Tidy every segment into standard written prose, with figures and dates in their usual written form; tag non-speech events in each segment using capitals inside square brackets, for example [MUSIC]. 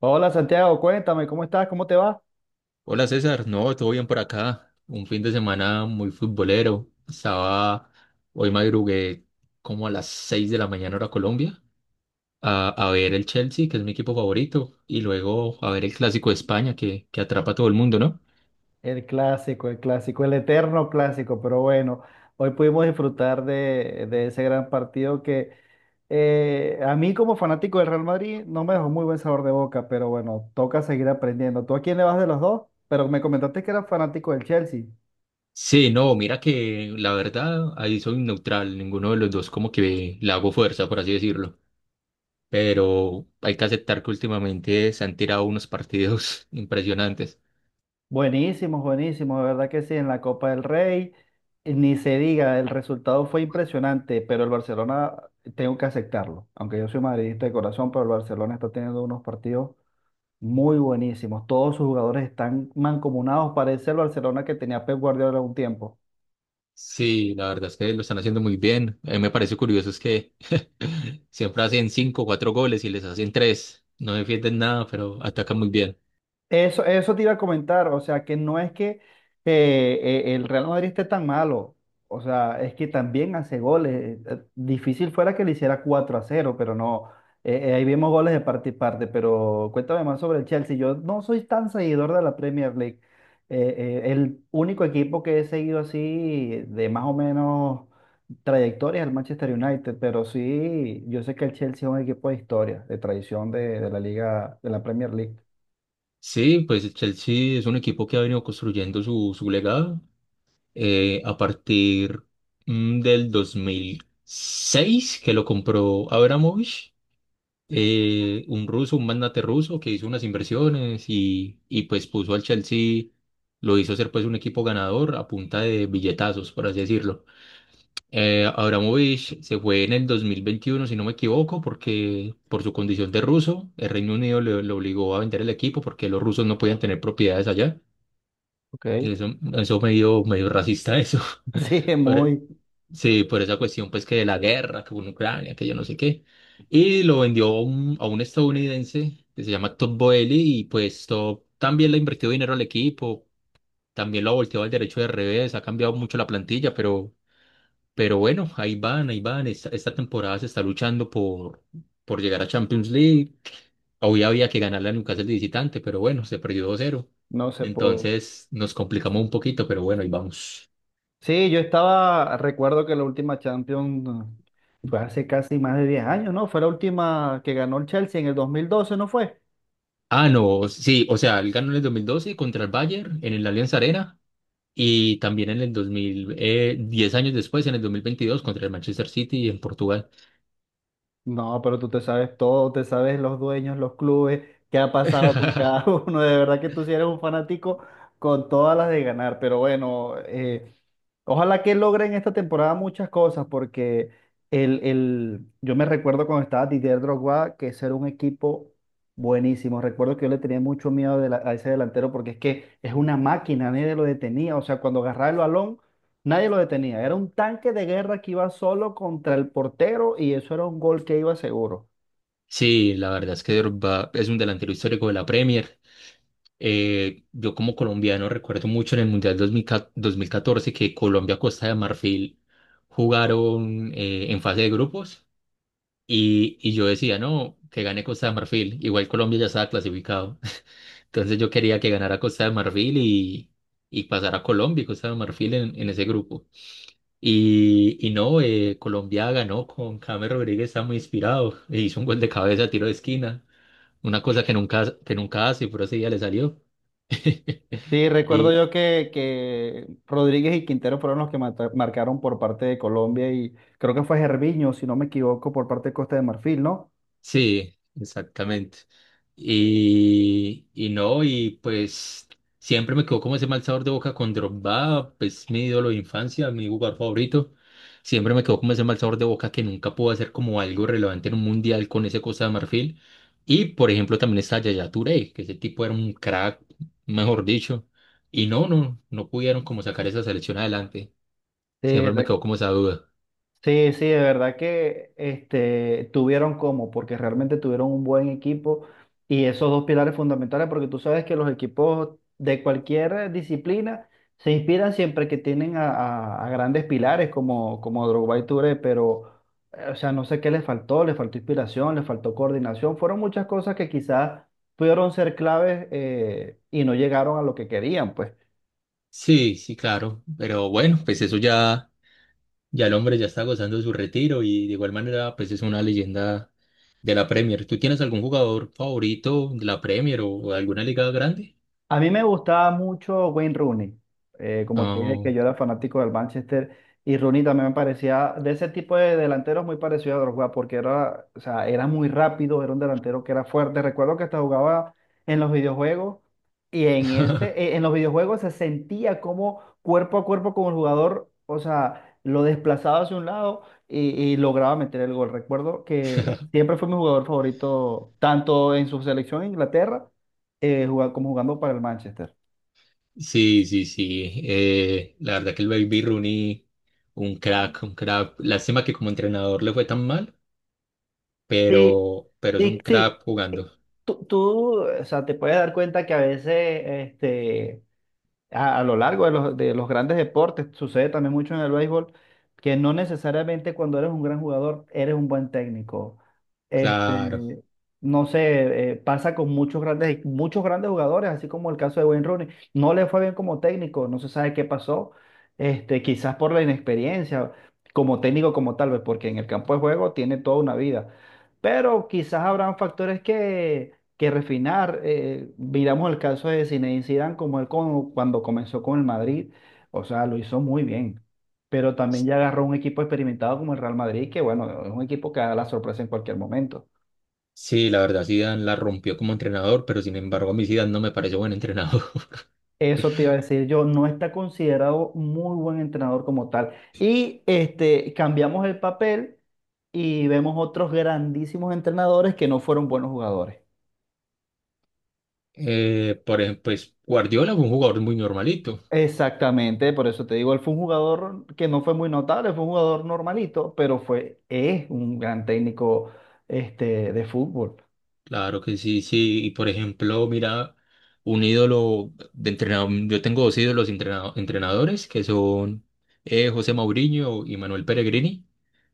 Hola Santiago, cuéntame, ¿cómo estás? ¿Cómo te va? Hola César, no, todo bien por acá. Un fin de semana muy futbolero. Estaba, hoy madrugué como a las 6 de la mañana hora Colombia a ver el Chelsea, que es mi equipo favorito, y luego a ver el Clásico de España que atrapa a todo el mundo, ¿no? El clásico, el clásico, el eterno clásico, pero bueno, hoy pudimos disfrutar de ese gran partido que a mí como fanático del Real Madrid no me dejó muy buen sabor de boca, pero bueno, toca seguir aprendiendo. ¿Tú a quién le vas de los dos? Pero me comentaste que eras fanático del Chelsea. Sí, no, mira que la verdad ahí soy neutral, ninguno de los dos como que le hago fuerza, por así decirlo. Pero hay que aceptar que últimamente se han tirado unos partidos [LAUGHS] impresionantes. Buenísimos, buenísimos, de verdad que sí, en la Copa del Rey, ni se diga, el resultado fue impresionante, pero el Barcelona, tengo que aceptarlo, aunque yo soy madridista de corazón, pero el Barcelona está teniendo unos partidos muy buenísimos, todos sus jugadores están mancomunados, parece el Barcelona que tenía Pep Guardiola un tiempo. Sí, la verdad es que lo están haciendo muy bien. A mí me parece curioso es que [LAUGHS] siempre hacen cinco o cuatro goles y les hacen tres. No defienden nada, pero atacan muy bien. Eso te iba a comentar, o sea, que no es que el Real Madrid esté tan malo, o sea, es que también hace goles. Difícil fuera que le hiciera 4 a cero pero no, ahí vemos goles de parte y parte, pero cuéntame más sobre el Chelsea. Yo no soy tan seguidor de la Premier League. Eh, el único equipo que he seguido así de más o menos trayectoria es el Manchester United, pero sí, yo sé que el Chelsea es un equipo de historia, de tradición de la liga, de la Premier League. Sí, pues el Chelsea es un equipo que ha venido construyendo su legado a partir del 2006, que lo compró Abramovich, un ruso, un magnate ruso que hizo unas inversiones y pues puso al Chelsea, lo hizo ser pues un equipo ganador a punta de billetazos, por así decirlo. Abramovich se fue en el 2021, si no me equivoco, porque por su condición de ruso, el Reino Unido le obligó a vender el equipo porque los rusos no podían tener propiedades allá. Ok. Eso medio, medio racista eso. [LAUGHS] Sí, [LAUGHS] Pero muy, sí, por esa cuestión pues que de la guerra, que en Ucrania, que yo no sé qué. Y lo vendió a un estadounidense que se llama Todd Boehly, y pues Todd también le ha invertido dinero al equipo, también lo ha volteado al derecho de revés, ha cambiado mucho la plantilla, pero bueno, ahí van, ahí van. Esta temporada se está luchando por llegar a Champions League. Hoy había que ganarle a Newcastle de visitante, pero bueno, se perdió 2-0. no se pudo. Entonces nos complicamos un poquito, pero bueno, ahí vamos. Sí, yo estaba, recuerdo que la última Champions fue hace casi más de 10 años, ¿no? Fue la última que ganó el Chelsea en el 2012, ¿no fue? Ah, no, sí, o sea, él ganó en el 2012 contra el Bayern en el Allianz Arena y también en el 2000, 10 años después, en el 2022, contra el Manchester City en Portugal. No, pero tú te sabes todo, te sabes los dueños, los clubes, qué ha pasado con [LAUGHS] cada [LAUGHS] uno. De verdad que tú sí eres un fanático con todas las de ganar. Pero bueno, ojalá que logren esta temporada muchas cosas, porque yo me recuerdo cuando estaba Didier Drogba, que ese era un equipo buenísimo. Recuerdo que yo le tenía mucho miedo a ese delantero, porque es que es una máquina, nadie lo detenía. O sea, cuando agarraba el balón, nadie lo detenía. Era un tanque de guerra que iba solo contra el portero y eso era un gol que iba seguro. Sí, la verdad es que Drogba es un delantero histórico de la Premier. Yo como colombiano recuerdo mucho en el Mundial 2000 2014 que Colombia, Costa de Marfil jugaron en fase de grupos y yo decía, no, que gane Costa de Marfil. Igual Colombia ya estaba clasificado. [LAUGHS] Entonces yo quería que ganara Costa de Marfil y pasara Colombia y Costa de Marfil en ese grupo. Y no, Colombia ganó con James Rodríguez, está muy inspirado. E hizo un gol de cabeza, tiro de esquina. Una cosa que nunca hace, pero ese día le salió. [LAUGHS] Sí, recuerdo yo Y que Rodríguez y Quintero fueron los que marcaron por parte de Colombia y creo que fue Gervinho, si no me equivoco, por parte de Costa de Marfil, ¿no? sí, exactamente. Y no, y pues siempre me quedó como ese mal sabor de boca con Drogba, pues mi ídolo de infancia, mi jugador favorito. Siempre me quedó como ese mal sabor de boca que nunca pudo hacer como algo relevante en un mundial con ese Costa de Marfil. Y por ejemplo también está Yaya Touré, que ese tipo era un crack, mejor dicho. Y no, no, no pudieron como sacar esa selección adelante. Sí, Siempre me quedó como esa duda. sí, sí, de verdad que este, tuvieron cómo, porque realmente tuvieron un buen equipo y esos dos pilares fundamentales, porque tú sabes que los equipos de cualquier disciplina se inspiran siempre que tienen a grandes pilares como, como Drogba y Touré, pero, o sea, no sé qué les faltó inspiración, les faltó coordinación, fueron muchas cosas que quizás pudieron ser claves, y no llegaron a lo que querían, pues. Sí, sí, claro. Pero bueno, pues eso ya, ya el hombre ya está gozando de su retiro y de igual manera, pues es una leyenda de la Premier. ¿Tú tienes algún jugador favorito de la Premier o alguna liga grande? A mí me gustaba mucho Wayne Rooney, como te dije Ah, que yo era fanático del Manchester, y Rooney también me parecía de ese tipo de delanteros muy parecido a Drogba porque era, o sea, era muy rápido, era un delantero que era fuerte. Recuerdo que hasta jugaba en los videojuegos, y en ese, en los videojuegos se sentía como cuerpo a cuerpo con el jugador, o sea, lo desplazaba hacia un lado y lograba meter el gol. Recuerdo que [LAUGHS] siempre fue mi jugador favorito tanto en su selección en Inglaterra, como jugando para el Manchester. sí, sí, sí. La verdad que el Baby Rooney, un crack, un crack. Lástima que como entrenador le fue tan mal, Sí, pero es sí, un sí. crack Eh, jugando. O sea, te puedes dar cuenta que a veces este, a lo largo de los grandes deportes, sucede también mucho en el béisbol, que no necesariamente cuando eres un gran jugador eres un buen técnico. Claro. Este, no sé, pasa con muchos grandes jugadores, así como el caso de Wayne Rooney. No le fue bien como técnico, no se sabe qué pasó, este, quizás por la inexperiencia, como técnico como tal vez, porque en el campo de juego tiene toda una vida. Pero quizás habrán factores que refinar. Miramos el caso de Zinedine Zidane como él cuando comenzó con el Madrid, o sea, lo hizo muy bien, pero también ya agarró un equipo experimentado como el Real Madrid, que bueno, es un equipo que da la sorpresa en cualquier momento. Sí, la verdad, Zidane la rompió como entrenador, pero sin embargo a mí Zidane no me parece buen entrenador. [LAUGHS] Eso te iba a decir yo, no está considerado muy buen entrenador como tal. Y este, cambiamos el papel y vemos otros grandísimos entrenadores que no fueron buenos jugadores. Por ejemplo, pues Guardiola fue un jugador muy normalito, Exactamente, por eso te digo, él fue un jugador que no fue muy notable, fue un jugador normalito, pero fue, es un gran técnico, este, de fútbol. claro que sí, sí. Y por ejemplo, mira, un ídolo de entrenador, yo tengo dos ídolos entrenadores que son José Mourinho y Manuel Pellegrini.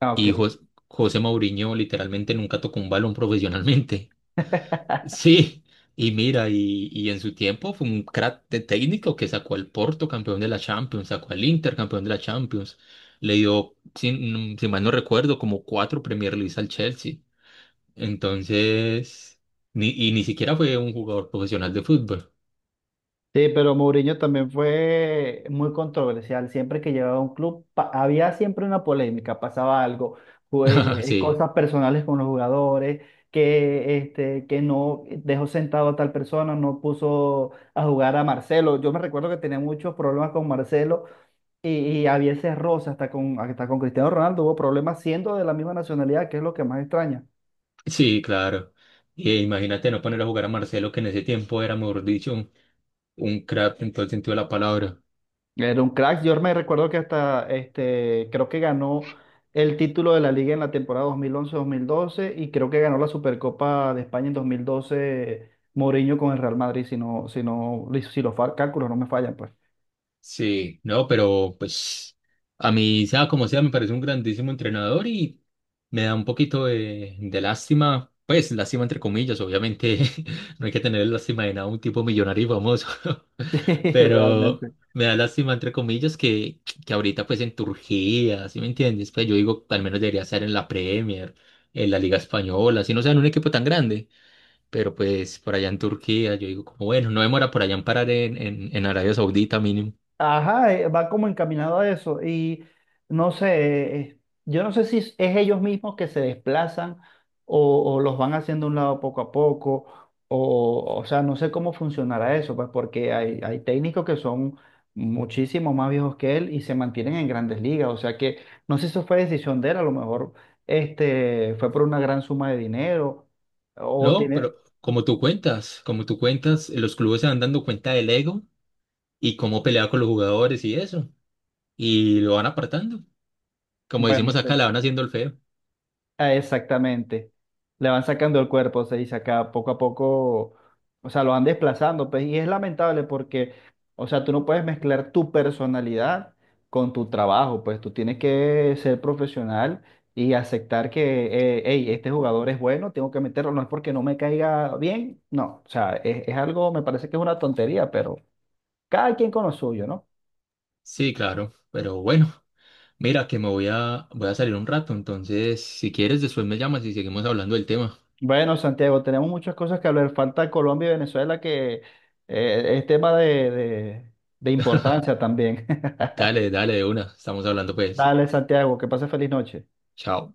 Ah, Y ok. José Mourinho literalmente nunca tocó un balón profesionalmente. [LAUGHS] Sí, y mira, y en su tiempo fue un crack de técnico que sacó al Porto campeón de la Champions, sacó al Inter campeón de la Champions, le dio, si, si mal no recuerdo, como cuatro Premier League al Chelsea. Entonces, ni siquiera fue un jugador profesional de fútbol. Sí, pero Mourinho también fue muy controversial. Siempre que llegaba a un club, había siempre una polémica, pasaba algo, pues, [LAUGHS] Sí, cosas personales con los jugadores, que, este, que no dejó sentado a tal persona, no puso a jugar a Marcelo. Yo me recuerdo que tenía muchos problemas con Marcelo, Y, y había ese roce hasta con Cristiano Ronaldo, hubo problemas siendo de la misma nacionalidad, que es lo que más extraña. sí, claro. Y imagínate no poner a jugar a Marcelo, que en ese tiempo era, mejor dicho, un crack en todo el sentido de la palabra. Era un crack, yo me recuerdo que hasta, este, creo que ganó el título de la liga en la temporada 2011-2012 y creo que ganó la Supercopa de España en 2012 Mourinho con el Real Madrid, si no, si no, si los cálculos no me fallan, pues. Sí, no, pero pues a mí, sea como sea, me parece un grandísimo entrenador y me da un poquito de lástima, pues lástima entre comillas, obviamente [LAUGHS] no hay que tener lástima de nada, un tipo millonario y famoso, [LAUGHS] [LAUGHS] Sí, pero realmente. me da lástima entre comillas que ahorita pues en Turquía, ¿sí me entiendes? Pues yo digo, al menos debería estar en la Premier, en la Liga Española, si no sea en un equipo tan grande, pero pues por allá en Turquía, yo digo como bueno, no demora por allá en parar en Arabia Saudita mínimo. Ajá, va como encaminado a eso. Y no sé, yo no sé si es ellos mismos que se desplazan o los van haciendo a un lado poco a poco, o sea, no sé cómo funcionará eso, pues porque hay técnicos que son muchísimo más viejos que él y se mantienen en grandes ligas. O sea que no sé si eso fue decisión de él, a lo mejor este, fue por una gran suma de dinero o No, tiene, pero como tú cuentas, los clubes se van dando cuenta del ego y cómo pelea con los jugadores y eso, y lo van apartando. Como bueno, no decimos sé. acá, la van haciendo el feo. Ah, exactamente. Le van sacando el cuerpo, se dice acá, poco a poco, o sea, lo van desplazando, pues, y es lamentable porque, o sea, tú no puedes mezclar tu personalidad con tu trabajo, pues tú tienes que ser profesional y aceptar que, hey, este jugador es bueno, tengo que meterlo, no es porque no me caiga bien, no, o sea, es algo, me parece que es una tontería, pero cada quien con lo suyo, ¿no? Sí, claro, pero bueno, mira que me voy a salir un rato, entonces si quieres después me llamas y seguimos hablando del tema. Bueno, Santiago, tenemos muchas cosas que hablar. Falta Colombia y Venezuela, que es tema de importancia también. [LAUGHS] Dale, dale de una, estamos hablando pues. Dale, Santiago, que pase feliz noche. Chao.